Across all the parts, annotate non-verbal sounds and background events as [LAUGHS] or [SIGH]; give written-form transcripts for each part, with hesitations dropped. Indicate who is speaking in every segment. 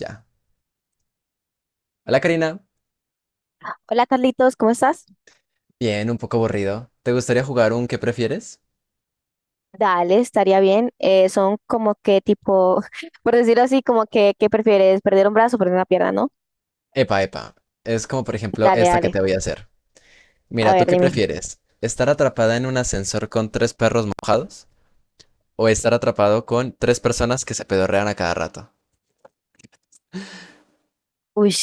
Speaker 1: Ya. Hola Karina.
Speaker 2: Hola Carlitos, ¿cómo estás?
Speaker 1: Bien, un poco aburrido. ¿Te gustaría jugar un qué prefieres?
Speaker 2: Dale, estaría bien. Son como que tipo, [LAUGHS] por decirlo así, como que, ¿qué prefieres? ¿Perder un brazo o perder una pierna, no?
Speaker 1: Epa, epa. Es como por ejemplo
Speaker 2: Dale,
Speaker 1: esta que te
Speaker 2: dale.
Speaker 1: voy a hacer.
Speaker 2: A
Speaker 1: Mira, ¿tú
Speaker 2: ver,
Speaker 1: qué
Speaker 2: dime.
Speaker 1: prefieres? ¿Estar atrapada en un ascensor con tres perros mojados? ¿O estar atrapado con tres personas que se pedorrean a cada rato?
Speaker 2: Uy,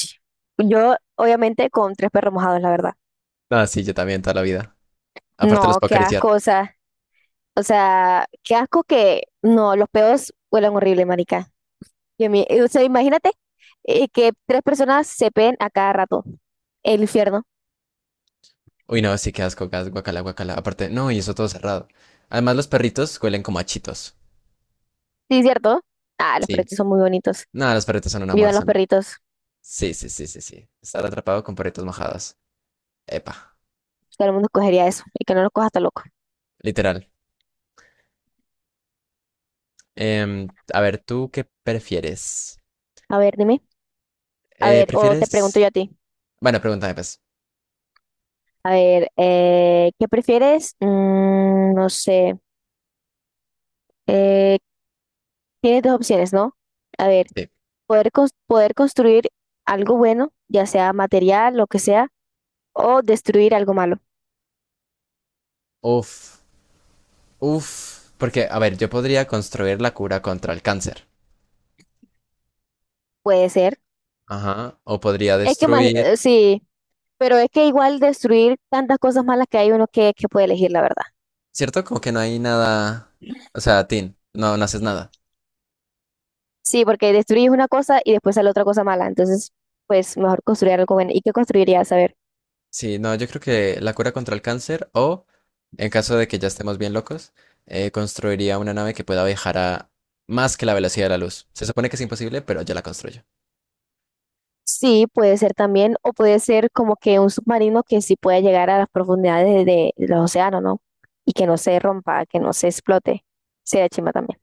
Speaker 2: yo obviamente con tres perros mojados, la verdad.
Speaker 1: Ah, sí, yo también, toda la vida. Aparte los
Speaker 2: No,
Speaker 1: puedo
Speaker 2: qué
Speaker 1: acariciar.
Speaker 2: asco, o sea, qué asco que, no, los peos huelen horrible, marica. O sea, imagínate que tres personas se peen a cada rato. El infierno.
Speaker 1: Uy, no, sí, qué asco, gas, guacala, guacala. Aparte, no, y eso todo cerrado. Además, los perritos huelen como a chitos.
Speaker 2: Sí, ¿cierto? Ah, los
Speaker 1: Sí.
Speaker 2: perritos son muy bonitos.
Speaker 1: No, los perritos son un amor,
Speaker 2: Vivan los
Speaker 1: son...
Speaker 2: perritos.
Speaker 1: Sí, sí, sí, sí, sí. Estar atrapado con perritos mojados. Epa,
Speaker 2: Todo el mundo escogería eso y que no lo cojas tan loco.
Speaker 1: literal. A ver, ¿tú qué prefieres?
Speaker 2: A ver, dime. A ver, o te pregunto
Speaker 1: ¿Prefieres?
Speaker 2: yo a ti.
Speaker 1: Bueno, pregúntame pues.
Speaker 2: A ver, ¿qué prefieres? Mm, no sé. Eh, Tienes dos opciones, ¿no? A ver,
Speaker 1: Sí.
Speaker 2: poder construir algo bueno, ya sea material, lo que sea, o destruir algo malo.
Speaker 1: Uf, uf, porque, a ver, yo podría construir la cura contra el cáncer.
Speaker 2: Puede ser.
Speaker 1: Ajá. O podría destruir.
Speaker 2: Sí, pero es que igual destruir tantas cosas malas que hay uno que puede elegir, la verdad.
Speaker 1: ¿Cierto? Como que no hay nada. O sea, Tin, no haces nada.
Speaker 2: Sí, porque destruir una cosa y después sale otra cosa mala. Entonces, pues mejor construir algo bueno. ¿Y qué construirías? A ver.
Speaker 1: Sí, no, yo creo que la cura contra el cáncer o, en caso de que ya estemos bien locos, construiría una nave que pueda viajar a más que la velocidad de la luz. Se supone que es imposible, pero yo la construyo.
Speaker 2: Sí, puede ser también, o puede ser como que un submarino que sí pueda llegar a las profundidades de los océanos, ¿no? Y que no se rompa, que no se explote. Sería chimba también.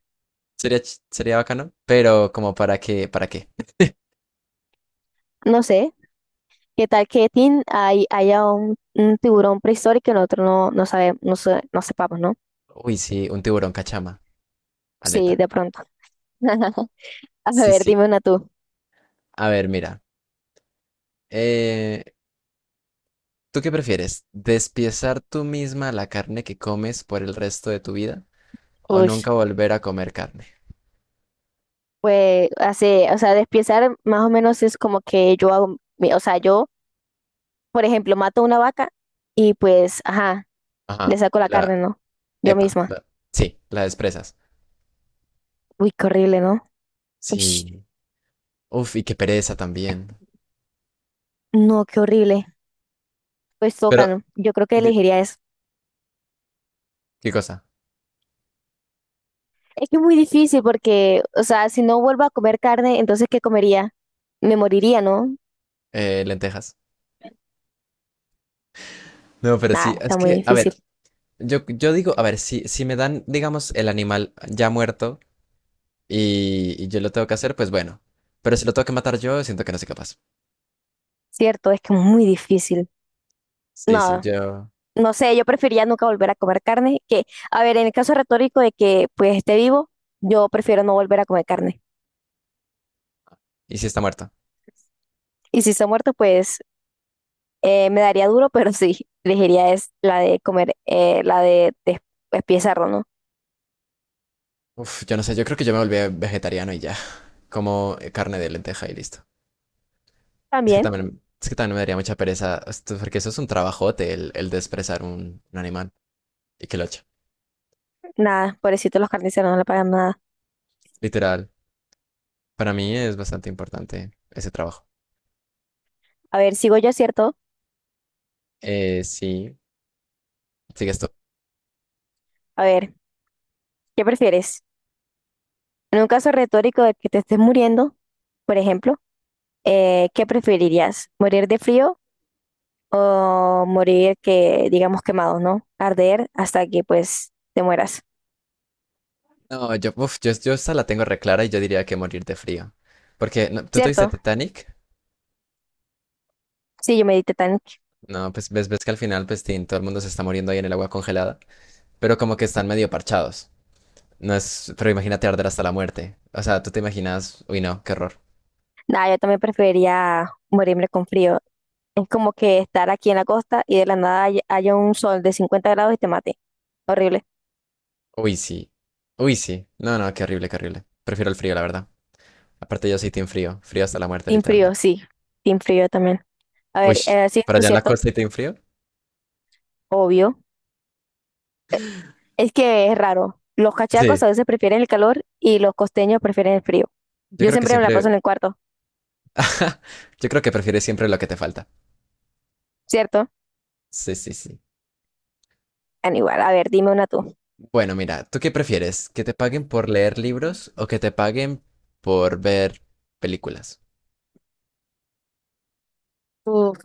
Speaker 1: Sería, sería bacano, pero como para qué, para qué.
Speaker 2: No sé, ¿qué tal que Tin haya un tiburón prehistórico que nosotros no sabemos, no sepamos, ¿no?
Speaker 1: Uy, sí, un tiburón cachama,
Speaker 2: Sí,
Speaker 1: aleta.
Speaker 2: de pronto. [LAUGHS] A
Speaker 1: Sí,
Speaker 2: ver,
Speaker 1: sí.
Speaker 2: dime una tú.
Speaker 1: A ver, mira. eh, ¿Tú qué prefieres? ¿Despiezar tú misma la carne que comes por el resto de tu vida o
Speaker 2: Ush.
Speaker 1: nunca volver a comer carne?
Speaker 2: Pues así, o sea, despiezar más o menos es como que yo hago, o sea, yo, por ejemplo, mato una vaca y pues, ajá. Le
Speaker 1: Ajá.
Speaker 2: saco la carne, ¿no? Yo
Speaker 1: Epa,
Speaker 2: misma.
Speaker 1: la- sí, la desprezas.
Speaker 2: Uy, qué horrible, ¿no? Ush,
Speaker 1: Sí. Uf, y qué pereza también.
Speaker 2: no, qué horrible. Pues
Speaker 1: Pero,
Speaker 2: tocan. Yo creo que
Speaker 1: di-
Speaker 2: elegiría eso.
Speaker 1: ¿qué cosa?
Speaker 2: Es que es muy difícil porque, o sea, si no vuelvo a comer carne, entonces ¿qué comería? Me moriría, ¿no?
Speaker 1: Lentejas. No, pero sí,
Speaker 2: Nada,
Speaker 1: es
Speaker 2: está muy
Speaker 1: que, a
Speaker 2: difícil.
Speaker 1: ver, yo digo, a ver, si me dan, digamos, el animal ya muerto. Y yo lo tengo que hacer, pues bueno. Pero si lo tengo que matar yo, siento que no soy capaz.
Speaker 2: Cierto, es que es muy difícil.
Speaker 1: Sí, sí,
Speaker 2: No,
Speaker 1: yo.
Speaker 2: no sé, yo preferiría nunca volver a comer carne que, a ver, en el caso retórico de que pues esté vivo, yo prefiero no volver a comer carne.
Speaker 1: ¿Y si está muerto?
Speaker 2: Y si está muerto, pues me daría duro, [LAUGHS] pero sí, elegiría es la de comer, la de espía cerdo, ¿no?
Speaker 1: Uf, yo no sé, yo creo que yo me volví vegetariano y ya. [LAUGHS] Como carne de lenteja y listo.
Speaker 2: También,
Speaker 1: Es que también me daría mucha pereza, porque eso es un trabajote, el desprezar un animal y que lo eche.
Speaker 2: nada, pobrecito, los carniceros no le pagan nada.
Speaker 1: Literal, para mí es bastante importante ese trabajo.
Speaker 2: A ver, sigo yo, ¿cierto?
Speaker 1: Sí, sigue esto.
Speaker 2: A ver, ¿qué prefieres? En un caso retórico de que te estés muriendo, por ejemplo, ¿qué preferirías? ¿Morir de frío o morir, que digamos, quemado, no? Arder hasta que, pues, te mueras,
Speaker 1: No, yo, uf, yo esta la tengo reclara y yo diría que morir de frío. Porque, no, ¿tú te viste
Speaker 2: ¿cierto?
Speaker 1: Titanic?
Speaker 2: Sí, yo medité tan...
Speaker 1: No, pues ves, ves que al final, pues tin, todo el mundo se está muriendo ahí en el agua congelada, pero como que están medio parchados. No es, pero imagínate arder hasta la muerte. O sea, tú te imaginas, uy, no, qué horror.
Speaker 2: Nah, yo también preferiría morirme con frío. Es como que estar aquí en la costa y de la nada haya un sol de 50 grados y te mate. Horrible.
Speaker 1: Uy, sí. Uy, sí. No, no, qué horrible, qué horrible. Prefiero el frío, la verdad. Aparte, yo soy team frío, frío hasta la muerte,
Speaker 2: Team frío,
Speaker 1: literalmente.
Speaker 2: sí. Team frío también. A
Speaker 1: Uy,
Speaker 2: ver, sí,
Speaker 1: ¿para
Speaker 2: esto es
Speaker 1: allá en la
Speaker 2: cierto,
Speaker 1: costa y team frío?
Speaker 2: obvio. Es que es raro. Los cachacos
Speaker 1: Sí.
Speaker 2: a veces prefieren el calor y los costeños prefieren el frío.
Speaker 1: Yo
Speaker 2: Yo
Speaker 1: creo que
Speaker 2: siempre me la paso
Speaker 1: siempre,
Speaker 2: en el cuarto,
Speaker 1: yo creo que prefieres siempre lo que te falta.
Speaker 2: ¿cierto?
Speaker 1: Sí, sí, sí.
Speaker 2: Ah, igual, a ver, dime una tú.
Speaker 1: Bueno, mira, ¿tú qué prefieres? ¿Que te paguen por leer libros o que te paguen por ver películas?
Speaker 2: Uf.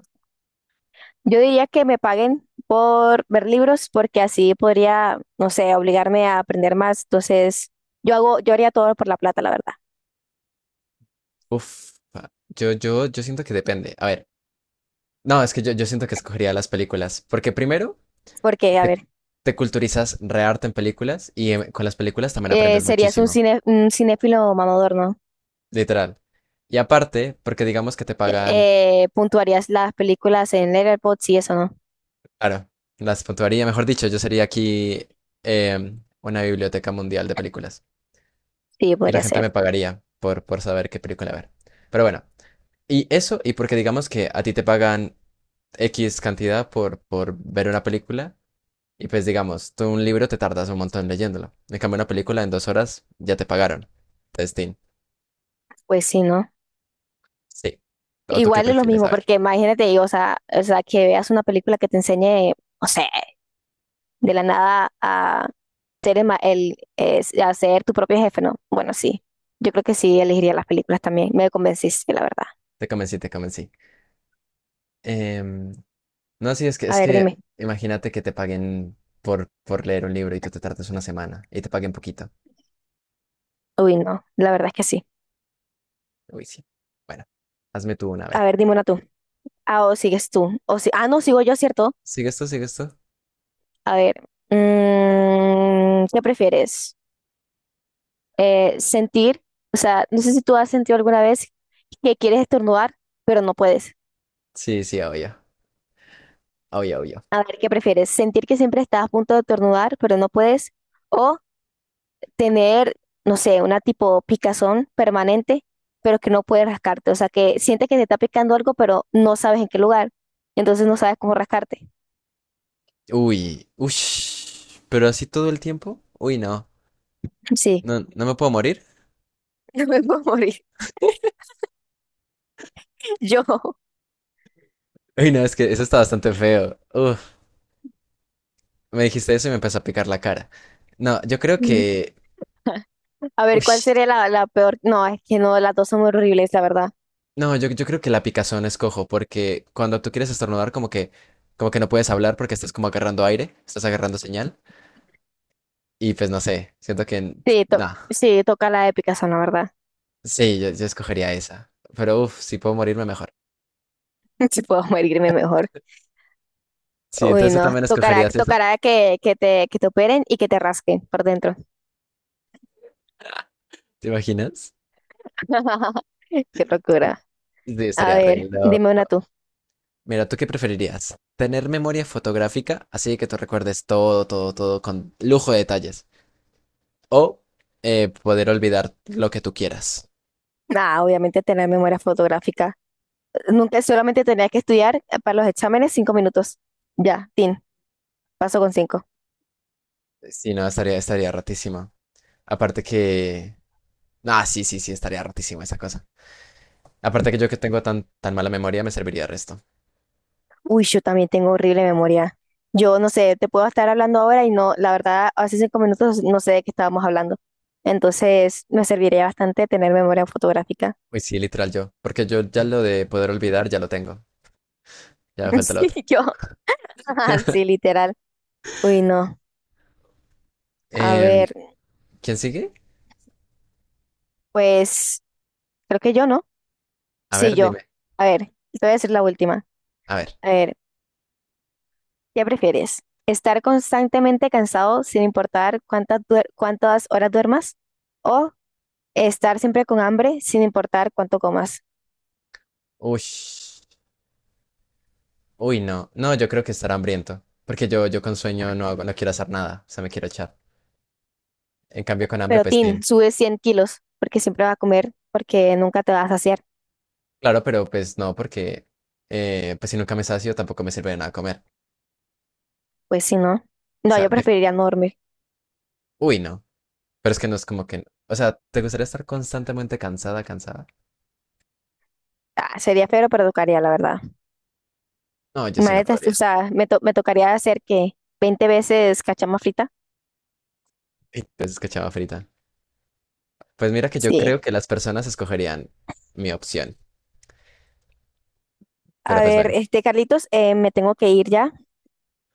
Speaker 2: Yo diría que me paguen por ver libros porque así podría, no sé, obligarme a aprender más. Entonces, yo haría todo por la plata, la verdad.
Speaker 1: Uf, yo siento que depende. A ver, no, es que yo siento que escogería las películas, porque primero
Speaker 2: Porque, a
Speaker 1: te,
Speaker 2: ver,
Speaker 1: te culturizas re harto en películas y con las películas también aprendes
Speaker 2: serías un
Speaker 1: muchísimo,
Speaker 2: un cinéfilo mamador, ¿no?
Speaker 1: literal. Y aparte, porque digamos que te pagan,
Speaker 2: Puntuarías las películas en Letterboxd y eso, ¿no?
Speaker 1: claro, las puntuaría, mejor dicho, yo sería aquí una biblioteca mundial de películas
Speaker 2: Sí,
Speaker 1: y la
Speaker 2: podría
Speaker 1: gente
Speaker 2: ser.
Speaker 1: me pagaría por saber qué película ver. Pero bueno, y eso, y porque digamos que a ti te pagan X cantidad por ver una película. Y pues digamos, tú un libro te tardas un montón leyéndolo. En cambio, una película en dos horas ya te pagaron. Testing
Speaker 2: Pues sí, ¿no?
Speaker 1: Sí. ¿O tú qué
Speaker 2: Igual es lo
Speaker 1: prefieres?
Speaker 2: mismo,
Speaker 1: A ver.
Speaker 2: porque imagínate, o sea, que veas una película que te enseñe, no sé, de la nada a ser, el, ma- el, a ser tu propio jefe, ¿no? Bueno, sí, yo creo que sí elegiría las películas también. Me convenciste, la verdad.
Speaker 1: Te convencí, te convencí. Em, no, sí,
Speaker 2: A
Speaker 1: es
Speaker 2: ver,
Speaker 1: que
Speaker 2: dime.
Speaker 1: imagínate que te paguen por leer un libro y tú te tardas una semana y te paguen poquito.
Speaker 2: Uy, no, la verdad es que sí.
Speaker 1: Uy, sí. Bueno, hazme tú una, a
Speaker 2: A
Speaker 1: ver.
Speaker 2: ver, dime una tú. Ah, o sigues tú. O si... Ah, no, sigo yo, ¿cierto?
Speaker 1: ¿Sigue esto? ¿Sigue esto?
Speaker 2: A ver, mm, ¿qué prefieres? Sentir, o sea, no sé si tú has sentido alguna vez que quieres estornudar, pero no puedes.
Speaker 1: Sí, sí, obvio. Obvio, obvio.
Speaker 2: A ver, ¿qué prefieres? ¿Sentir que siempre estás a punto de estornudar, pero no puedes? ¿O tener, no sé, una tipo picazón permanente, pero que no puedes rascarte? O sea, que sientes que te está picando algo, pero no sabes en qué lugar. Entonces no sabes cómo rascarte.
Speaker 1: Uy, ush. Pero así todo el tiempo. Uy, no.
Speaker 2: Sí,
Speaker 1: No, no me puedo morir.
Speaker 2: [LAUGHS] me puedo morir.
Speaker 1: [LAUGHS]
Speaker 2: [LAUGHS] Yo.
Speaker 1: Uy, no, es que eso está bastante feo. Uf. Me dijiste eso y me empezó a picar la cara. No, yo creo que...
Speaker 2: A ver,
Speaker 1: Uy,
Speaker 2: ¿cuál sería la peor? No, es que no, las dos son muy horribles, la verdad.
Speaker 1: no, yo creo que la picazón es cojo, porque cuando tú quieres estornudar, como que no puedes hablar porque estás como agarrando aire, estás agarrando señal, y pues no sé, siento que... No,
Speaker 2: Sí, toca la de picazón, la verdad.
Speaker 1: sí, yo escogería esa. Pero uff, si puedo morirme mejor.
Speaker 2: [LAUGHS] Si puedo morirme mejor.
Speaker 1: Sí,
Speaker 2: Uy,
Speaker 1: entonces tú
Speaker 2: no,
Speaker 1: también
Speaker 2: tocará,
Speaker 1: escogerías esa,
Speaker 2: tocará que te operen y que te rasquen por dentro.
Speaker 1: ¿te imaginas?
Speaker 2: [LAUGHS] Qué locura.
Speaker 1: Sí,
Speaker 2: A
Speaker 1: estaría re
Speaker 2: ver,
Speaker 1: loco.
Speaker 2: dime una tú.
Speaker 1: Mira, ¿tú qué preferirías? ¿Tener memoria fotográfica, así que tú recuerdes todo, todo, todo con lujo de detalles? O poder olvidar lo que tú quieras.
Speaker 2: Nada, obviamente tener memoria fotográfica. Nunca solamente tenía que estudiar para los exámenes 5 minutos. Ya, tin, paso con cinco.
Speaker 1: Si no, estaría, estaría ratísima. Aparte que... Ah, sí, sí, sí, estaría ratísima esa cosa. Aparte que yo que tengo tan mala memoria me serviría el resto.
Speaker 2: Uy, yo también tengo horrible memoria. Yo no sé, te puedo estar hablando ahora y no, la verdad, hace 5 minutos no sé de qué estábamos hablando. Entonces, me serviría bastante tener memoria fotográfica.
Speaker 1: Uy, sí, literal yo. Porque yo ya lo de poder olvidar ya lo tengo. Ya me
Speaker 2: [LAUGHS]
Speaker 1: falta lo
Speaker 2: Sí,
Speaker 1: otro.
Speaker 2: yo. [LAUGHS]
Speaker 1: [LAUGHS]
Speaker 2: Sí, literal. Uy, no. A
Speaker 1: Em,
Speaker 2: ver,
Speaker 1: ¿quién sigue?
Speaker 2: pues creo que yo no.
Speaker 1: A
Speaker 2: Sí,
Speaker 1: ver,
Speaker 2: yo.
Speaker 1: dime.
Speaker 2: A ver, te voy a decir la última.
Speaker 1: A ver.
Speaker 2: A ver, ¿qué prefieres? ¿Estar constantemente cansado sin importar cuántas horas duermas? ¿O estar siempre con hambre sin importar cuánto comas?
Speaker 1: Uy. Uy, no. No, yo creo que estará hambriento. Porque yo con sueño no hago, no quiero hacer nada. O sea, me quiero echar. En cambio, con hambre,
Speaker 2: Pero
Speaker 1: pues sí,
Speaker 2: Tin, sube 100 kilos porque siempre vas a comer porque nunca te vas a saciar.
Speaker 1: claro, pero pues no, porque pues si nunca me sacio tampoco me sirve de nada comer.
Speaker 2: Pues si no.
Speaker 1: O
Speaker 2: No,
Speaker 1: sea,
Speaker 2: yo preferiría no dormir.
Speaker 1: uy, no. Pero es que no es como que, o sea, ¿te gustaría estar constantemente cansada, cansada?
Speaker 2: Ah, sería feo, pero tocaría, la verdad.
Speaker 1: No, yo sí no
Speaker 2: Imagínate, o
Speaker 1: podría.
Speaker 2: sea, me tocaría hacer que 20 veces cachama frita.
Speaker 1: Entonces, qué chava frita. Pues mira que yo
Speaker 2: Sí.
Speaker 1: creo que las personas escogerían mi opción. Pero
Speaker 2: A
Speaker 1: pues
Speaker 2: ver,
Speaker 1: bueno.
Speaker 2: este, Carlitos, me tengo que ir ya.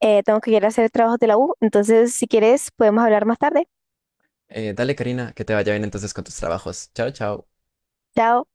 Speaker 2: Tengo que ir a hacer trabajos de la U. Entonces, si quieres, podemos hablar más tarde.
Speaker 1: Dale, Karina, que te vaya bien entonces con tus trabajos. Chao, chao.
Speaker 2: Chao.